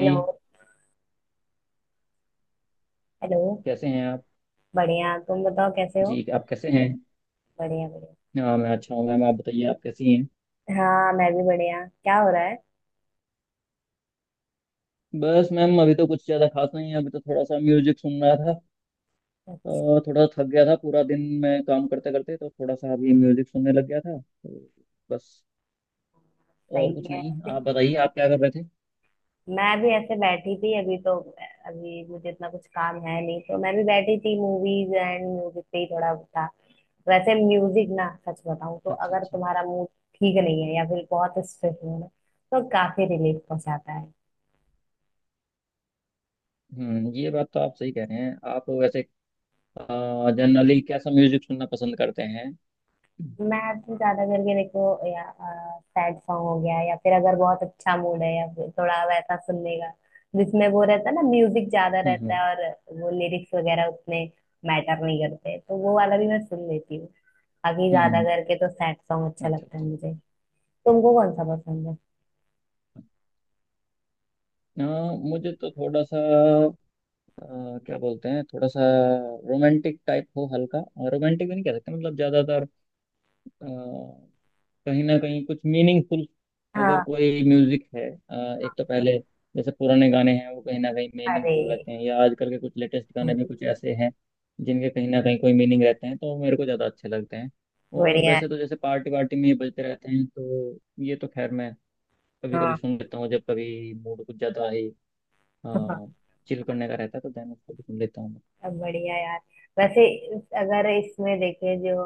Hello. Hello. कैसे हैं आप? बढ़िया, तुम बताओ कैसे हो। जी आप कैसे हैं? बढ़िया बढ़िया। हाँ मैं अच्छा हूँ मैम, आप बताइए, आप कैसी हैं? हाँ, मैं भी बढ़िया। क्या हो रहा है। बस मैम, अभी तो कुछ ज़्यादा खास नहीं है, अभी तो थोड़ा सा म्यूजिक सुन रहा था। थोड़ा थक गया था, पूरा दिन मैं काम करते करते, तो थोड़ा सा अभी म्यूजिक सुनने लग गया था तो बस। और सही कुछ है। नहीं, आप बताइए, आप क्या कर रहे थे? मैं भी ऐसे बैठी थी अभी तो। अभी मुझे इतना कुछ काम है नहीं, तो मैं भी बैठी थी, मूवीज एंड म्यूजिक पे ही थोड़ा था। वैसे म्यूजिक ना, सच बताऊं तो अच्छा अगर अच्छा। तुम्हारा मूड ठीक नहीं है या फिर बहुत स्ट्रेस हो ना, तो काफी रिलीफ पहुंचाता है। हम्म, ये बात तो आप सही कह रहे हैं। आप वैसे जनरली कैसा म्यूजिक सुनना पसंद करते हैं? हम्म। मैं तो ज्यादा करके देखो, या सैड सॉन्ग हो गया, या फिर अगर बहुत अच्छा मूड है, या फिर थोड़ा वैसा सुनने का जिसमें वो रहता है ना, म्यूजिक ज्यादा रहता हम्म। है और वो लिरिक्स वगैरह उतने मैटर नहीं करते, तो वो वाला भी मैं सुन लेती हूँ। बाकी ज्यादा हम्म, करके तो सैड सॉन्ग अच्छा अच्छा लगता है अच्छा। मुझे। तुमको कौन सा पसंद है? अ, मुझे तो थोड़ा सा अ, क्या बोलते हैं, थोड़ा सा रोमांटिक टाइप हो, हल्का। रोमांटिक भी नहीं कह सकते, मतलब ज्यादातर अ, कहीं ना कहीं कुछ मीनिंगफुल अगर हाँ। कोई म्यूजिक है। एक तो पहले जैसे पुराने गाने हैं, वो कहीं ना कहीं अरे, मीनिंगफुल रहते हैं, या आजकल के कुछ लेटेस्ट गाने भी कुछ ऐसे हैं जिनके कहीं ना कहीं कोई मीनिंग रहते हैं, तो मेरे को ज्यादा अच्छे लगते हैं। और बढ़िया है। वैसे तो जैसे पार्टी वार्टी में ये बजते रहते हैं, तो ये तो खैर मैं कभी कभी हाँ। सुन लेता हूँ, जब कभी मूड कुछ ज्यादा ही चिल करने का रहता है तो देन उसको भी सुन लेता हूँ मैं। सब बढ़िया यार। वैसे अगर इसमें देखें, जो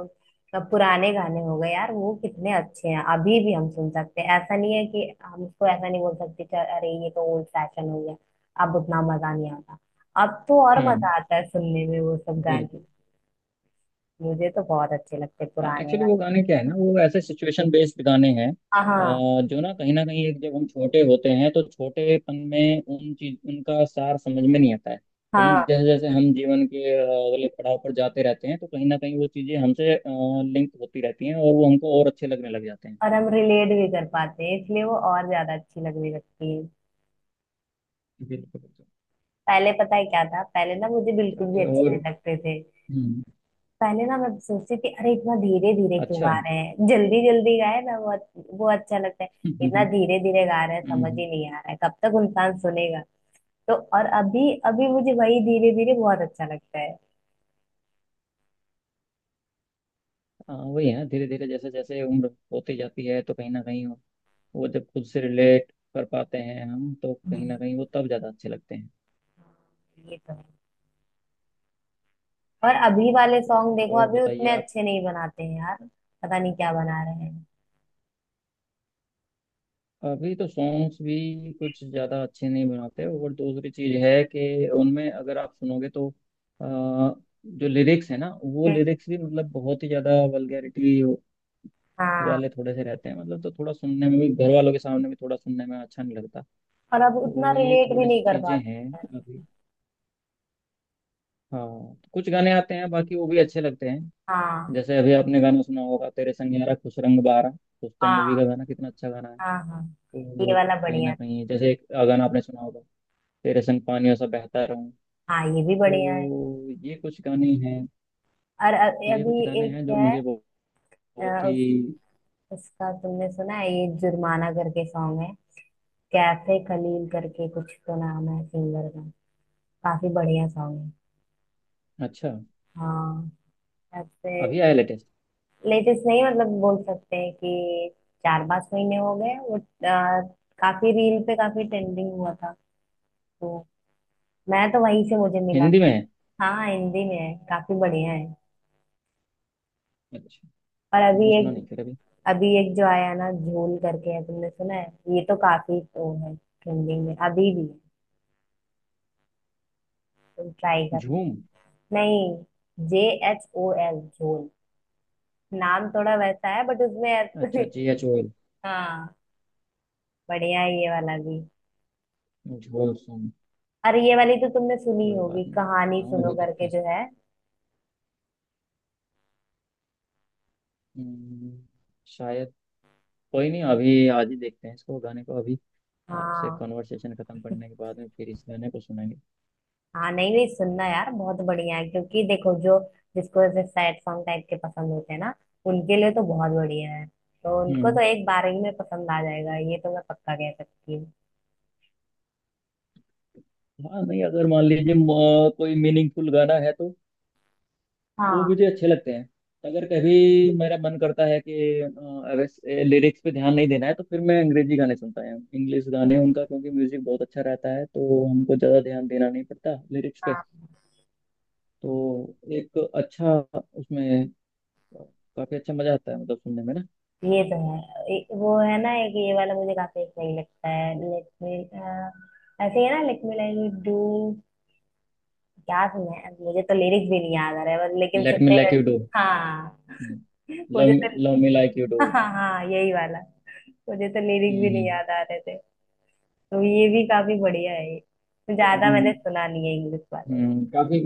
अब पुराने गाने हो गए यार, वो कितने अच्छे हैं। अभी भी हम सुन सकते हैं, ऐसा नहीं है। कि हम उसको ऐसा नहीं बोल सकते कि अरे ये तो ओल्ड फैशन हो गया, अब उतना मजा नहीं आता। अब तो और हम्म। मजा आता है सुनने में वो सब गाने। बिल्कुल। मुझे तो बहुत अच्छे लगते हैं हाँ पुराने एक्चुअली गाने। वो गाने क्या है ना, वो ऐसे सिचुएशन बेस्ड गाने हैं। हाँ हाँ जो ना कहीं एक, जब हम छोटे होते हैं तो छोटेपन में उन चीज उनका सार समझ में नहीं आता है, लेकिन हाँ। जैसे जैसे हम जीवन के अगले पड़ाव पर जाते रहते हैं, तो कहीं ना कहीं वो चीजें हमसे लिंक होती रहती हैं और वो हमको और अच्छे लगने लग जाते हैं। और हम रिलेट भी कर पाते हैं, इसलिए वो और ज्यादा अच्छी लगने लगती है। बिल्कुल बिल्कुल। पहले पता है क्या था? पहले ना मुझे बिल्कुल भी चलिए। अच्छे और नहीं लगते थे। हम्म, पहले ना मैं सोचती थी, अरे इतना धीरे धीरे क्यों गा अच्छा। रहे हैं, जल्दी जल्दी गाए ना, वो अच्छा लगता है। हम्म। इतना धीरे धीरे गा रहे हैं, समझ हम्म। ही नहीं आ रहा है, कब तक इंसान सुनेगा। तो और अभी अभी मुझे वही धीरे धीरे बहुत अच्छा लगता है। हाँ वही है, धीरे धीरे जैसे जैसे उम्र होती जाती है तो कहीं ना कहीं वो, जब खुद से रिलेट कर पाते हैं हम, तो कहीं ना कहीं वो तब ज़्यादा अच्छे लगते हैं। ये तो है। और अभी वाले सॉन्ग चलिए, देखो, और अभी बताइए उतने आप। अच्छे नहीं बनाते हैं यार। पता नहीं क्या बना रहे हैं। अभी तो सॉन्ग्स भी कुछ ज़्यादा अच्छे नहीं बनाते, और दूसरी चीज़ है कि उनमें अगर आप सुनोगे तो जो लिरिक्स है ना वो हम्म। लिरिक्स भी, मतलब बहुत ही ज़्यादा वल्गैरिटी हाँ। वाले थोड़े से रहते हैं, मतलब तो थोड़ा सुनने में भी, घर वालों के सामने भी थोड़ा सुनने में अच्छा नहीं लगता। और अब उतना तो ये रिलेट भी थोड़ी सी नहीं कर चीज़ें हैं पाते हैं। अभी। हाँ कुछ गाने आते हैं, बाकी वो भी अच्छे लगते हैं। हाँ जैसे अभी आपने गाना सुना होगा, तेरे संग यारा खुश रंग बारा, उस तो मूवी का हाँ गाना, कितना अच्छा गाना है। हाँ हाँ। ये तो वाला कहीं ना बढ़िया था। कहीं, जैसे एक गाना आपने सुना होगा, तेरे संग पानियों सा बहता रहूं, हाँ, ये भी बढ़िया है। तो ये कुछ गाने हैं। और ये कुछ अभी गाने एक हैं जो है। मुझे बहुत बहुत अ, ही उस, उसका तुमने सुना है, ये जुर्माना करके सॉन्ग है। कैफे खलील करके कुछ तो नाम है सिंगर का। काफी बढ़िया सॉन्ग है। अच्छा। हाँ। ऐसे। अभी आया लेटेस्ट? लेटेस्ट नहीं, मतलब बोल सकते हैं कि चार पांच महीने हो गए वो, काफी रील पे काफी ट्रेंडिंग हुआ था। तो मैं तो वहीं से मुझे मिला। हिंदी में है? हाँ, हिंदी में है, काफी बढ़िया है। अच्छा, और अभी मैंने सुना एक, नहीं फिर अभी। अभी एक जो आया ना झोल करके है, तुमने सुना है? ये तो काफी वो है, ट्रेंडिंग में अभी भी है। तुम ट्राई करना। झूम? नहीं। JHOL, झोल। नाम थोड़ा वैसा है, बट उसमें अच्छा जी एच ओ एल, हाँ, बढ़िया है ये वाला भी। झोल। सुन? अरे ये वाली तो तुमने सुनी कोई होगी, बात नहीं। कहानी हाँ सुनो अभी देखते करके हैं जो इसको। है। हम्म, शायद। कोई नहीं, अभी आज ही देखते हैं इसको, गाने को अभी। आपसे हाँ। कॉन्वर्सेशन खत्म करने के बाद में फिर इस गाने को सुनेंगे। हाँ, नहीं नहीं, सुनना यार, बहुत बढ़िया है, क्योंकि देखो जो जिसको ऐसे सैड सॉन्ग टाइप के पसंद होते हैं ना, उनके लिए तो बहुत बढ़िया है। तो उनको हम्म। तो एक बार ही में पसंद आ जाएगा, ये तो मैं पक्का कह सकती हूँ। हाँ नहीं, अगर मान लीजिए म- कोई मीनिंगफुल गाना है तो वो हाँ मुझे अच्छे लगते हैं। अगर कभी मेरा मन करता है कि, अगर लिरिक्स पे ध्यान नहीं देना है, तो फिर मैं अंग्रेजी गाने सुनता हूँ, इंग्लिश गाने उनका, क्योंकि म्यूजिक बहुत अच्छा रहता है तो हमको ज़्यादा ध्यान देना नहीं पड़ता लिरिक्स पे। हाँ। तो एक अच्छा उसमें काफ़ी अच्छा मज़ा आता है, मतलब सुनने में ना। ये तो है। वो है ना एक ये वाला मुझे काफी सही लगता है, लेट मी, ऐसे ही है ना, लेट मी लाइक डू क्या सुना है। मुझे तो लिरिक्स भी नहीं याद आ रहा है बस, लेकिन लेट मी सुनने में। Like you do. हाँ। मुझे लव। तो love me like you do. हाँ हाँ हाँ, यही वाला। मुझे तो लिरिक्स भी नहीं एंड याद आ रहे थे। तो ये भी काफी बढ़िया है ये। तो ज्यादा हम्म। मैंने सुना नहीं है इंग्लिश वाले। काफी।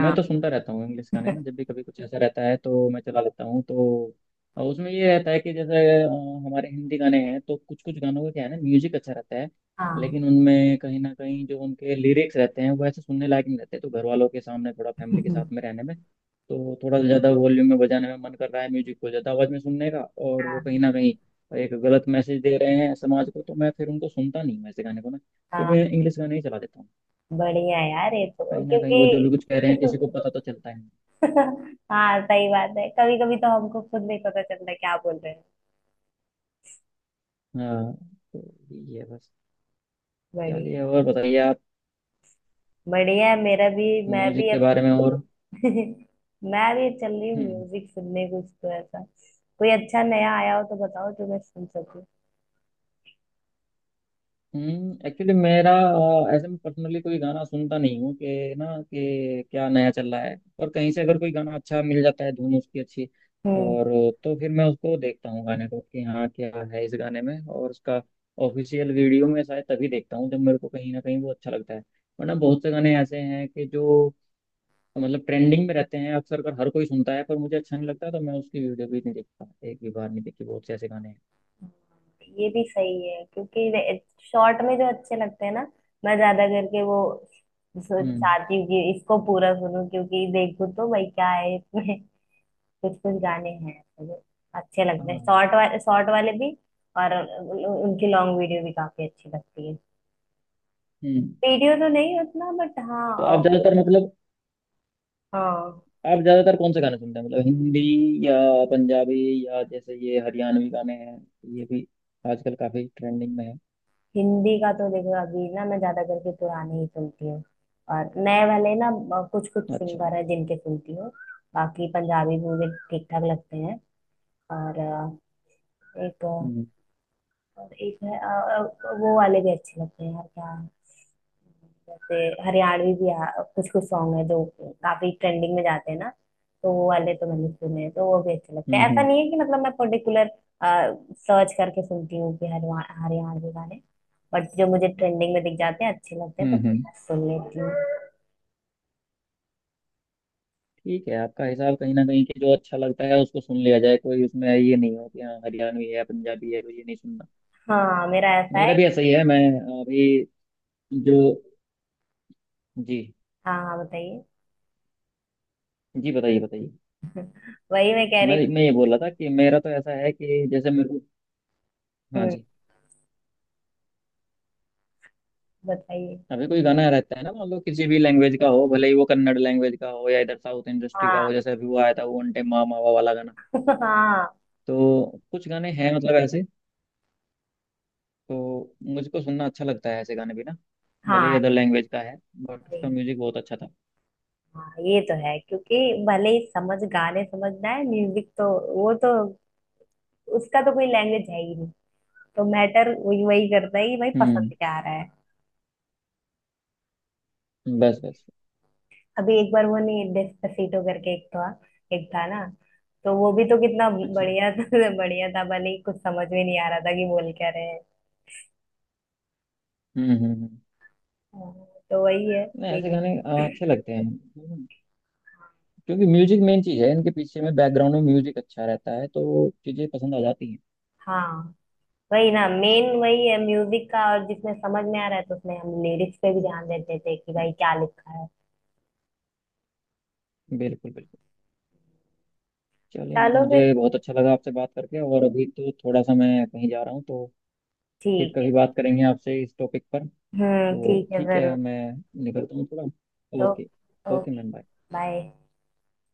मैं तो सुनता रहता हूँ इंग्लिश गाने ना, जब भी कभी कुछ ऐसा रहता है तो मैं चला लेता हूँ। तो उसमें ये रहता है कि जैसे अ, हमारे हिंदी गाने हैं तो कुछ कुछ गानों का, क्या है ना, म्यूजिक अच्छा रहता है, हाँ। लेकिन उनमें कहीं ना कहीं जो उनके लिरिक्स रहते हैं, वो ऐसे सुनने लायक नहीं रहते। तो घर वालों के सामने, थोड़ा फैमिली के साथ में रहने में, तो थोड़ा ज्यादा वॉल्यूम में बजाने में, मन कर रहा है म्यूजिक को ज्यादा आवाज में सुनने का, और वो कहीं हाँ। ना कहीं एक गलत मैसेज दे रहे हैं समाज को, तो मैं फिर उनको सुनता नहीं हूँ, ऐसे गाने को ना। फिर हाँ, मैं इंग्लिश गाने ही चला देता हूँ। बढ़िया है यार ये तो, कहीं ना कहीं वो जो भी क्योंकि कुछ कह रहे हैं किसी को पता तो चलता ही नहीं। हाँ, सही बात है, कभी कभी तो हमको खुद नहीं पता चलता क्या बोल रहे हैं। हाँ तो ये है बस। बढ़िया। चलिए और बताइए आप बढ़िया है मेरा भी, मैं भी म्यूजिक के अब बारे में और। मैं भी चल रही हूँ हम्म। म्यूजिक सुनने। कुछ तो ऐसा कोई अच्छा नया आया हो तो बताओ, जो मैं सुन सकूँ। एक्चुअली मेरा ऐसे में पर्सनली कोई गाना सुनता नहीं हूँ कि, ना कि क्या नया चल रहा है, और कहीं से अगर कोई गाना अच्छा मिल जाता है, धुन उसकी अच्छी, हम्म। और तो फिर मैं उसको देखता हूँ गाने को कि हाँ क्या है इस गाने में, और उसका ऑफिशियल वीडियो में शायद तभी देखता हूँ जब मेरे को कहीं ना कहीं वो अच्छा लगता है। वरना बहुत से गाने ऐसे हैं कि जो, मतलब ट्रेंडिंग में रहते हैं, अक्सर कर हर कोई सुनता है, पर मुझे अच्छा नहीं लगता, तो मैं उसकी वीडियो भी नहीं देखता, एक भी बार नहीं देखी, बहुत से ऐसे गाने हैं। ये भी सही है, क्योंकि शॉर्ट में जो अच्छे लगते हैं ना, मैं ज्यादा करके वो हम्म। चाहती हूँ कि इसको पूरा सुनूं, क्योंकि देखूं तो भाई क्या है इसमें। कुछ कुछ गाने हैं तो अच्छे लगते हैं, हाँ। शॉर्ट वाले, शॉर्ट वाले भी और उनकी लॉन्ग वीडियो भी काफी अच्छी लगती है। हम्म। वीडियो तो नहीं उतना, बट हाँ। तो आप अ- ज्यादातर, मतलब हाँ। आप ज्यादातर कौन से गाने सुनते हैं, मतलब हिंदी या पंजाबी, या जैसे ये हरियाणवी गाने हैं, ये भी आजकल काफी ट्रेंडिंग में है। हिंदी का तो देखो अभी ना, मैं ज्यादा करके पुराने ही सुनती हूँ। और नए वाले ना कुछ कुछ अच्छा। सिंगर है जिनके सुनती हूँ। बाकी पंजाबी मुझे ठीक ठाक लगते हैं। और अ, एक हम्म। और एक है, वो वाले भी अच्छे लगते हैं यार क्या। जैसे हरियाणवी भी कुछ कुछ सॉन्ग है जो काफी ट्रेंडिंग में जाते हैं ना, तो वो वाले तो मैंने सुने हैं, तो वो भी अच्छे लगते हम्म। हैं। हम्म। ऐसा नहीं है कि मतलब मैं पर्टिकुलर सर्च करके सुनती हूँ कि हरियाणवी गाने, बट जो मुझे ट्रेंडिंग में दिख जाते हैं अच्छे लगते हैं तो हम्म। हम्म। सुन लेती हूँ। ठीक है, आपका हिसाब कहीं ना कहीं कि जो अच्छा लगता है उसको सुन लिया जाए, कोई उसमें ये नहीं हो कि हाँ हरियाणवी है, पंजाबी है तो ये नहीं सुनना। हाँ, मेरा ऐसा मेरा है। भी ऐसा ही है। मैं अभी जो जी हाँ हाँ बताइए। जी बताइए बताइए। वही मैं कह मैं रही थी। मैं ये बोल रहा था कि मेरा तो ऐसा है कि जैसे मेरे को, हाँ हम्म, जी, बताइए। अभी कोई गाना रहता है ना, मान लो किसी भी लैंग्वेज का हो, भले ही वो कन्नड़ लैंग्वेज का हो या इधर साउथ इंडस्ट्री का हो, हाँ। जैसे अभी वो आया था वो अंटे मा मावा वाला गाना, हाँ। तो कुछ गाने हैं मतलब ऐसे, तो मुझको सुनना अच्छा लगता है ऐसे गाने भी ना, भले ही हाँ, अदर लैंग्वेज का है बट वही। उसका म्यूजिक बहुत अच्छा था। हाँ ये तो है, क्योंकि भले ही समझ, गाने समझना है, म्यूजिक तो वो तो, उसका तो कोई लैंग्वेज है ही नहीं। तो मैटर वही वही करता है कि भाई पसंद हम्म। क्या आ रहा है। बस बस। अभी एक बार वो, नहीं, डेस्पासिटो करके एक था, एक था ना, तो वो भी तो कितना अच्छा। बढ़िया था। बढ़िया था, भले ही कुछ समझ में नहीं आ रहा था कि बोल क्या रहे हैं। हम्म हम्म हम्म। हाँ, तो वही है। नहीं ऐसे एक। गाने अच्छे लगते हैं, क्योंकि म्यूजिक मेन चीज है, इनके पीछे में बैकग्राउंड में म्यूजिक अच्छा रहता है तो चीजें पसंद आ जाती हैं। हाँ, वही ना, मेन वही है म्यूजिक का, और जिसमें समझ में आ रहा है तो उसमें हम लिरिक्स पे भी ध्यान देते थे कि भाई क्या लिखा है। बिल्कुल बिल्कुल। चलिए मैम, चलो मुझे फिर। बहुत अच्छा लगा आपसे बात करके, और अभी तो थोड़ा सा मैं कहीं जा रहा हूँ, तो फिर ठीक है। कभी बात करेंगे आपसे इस टॉपिक पर। तो ठीक है, ठीक है, जरूर। मैं निकलता हूँ थोड़ा, ओ- okay. Okay okay. Ma'am, bye. Bye.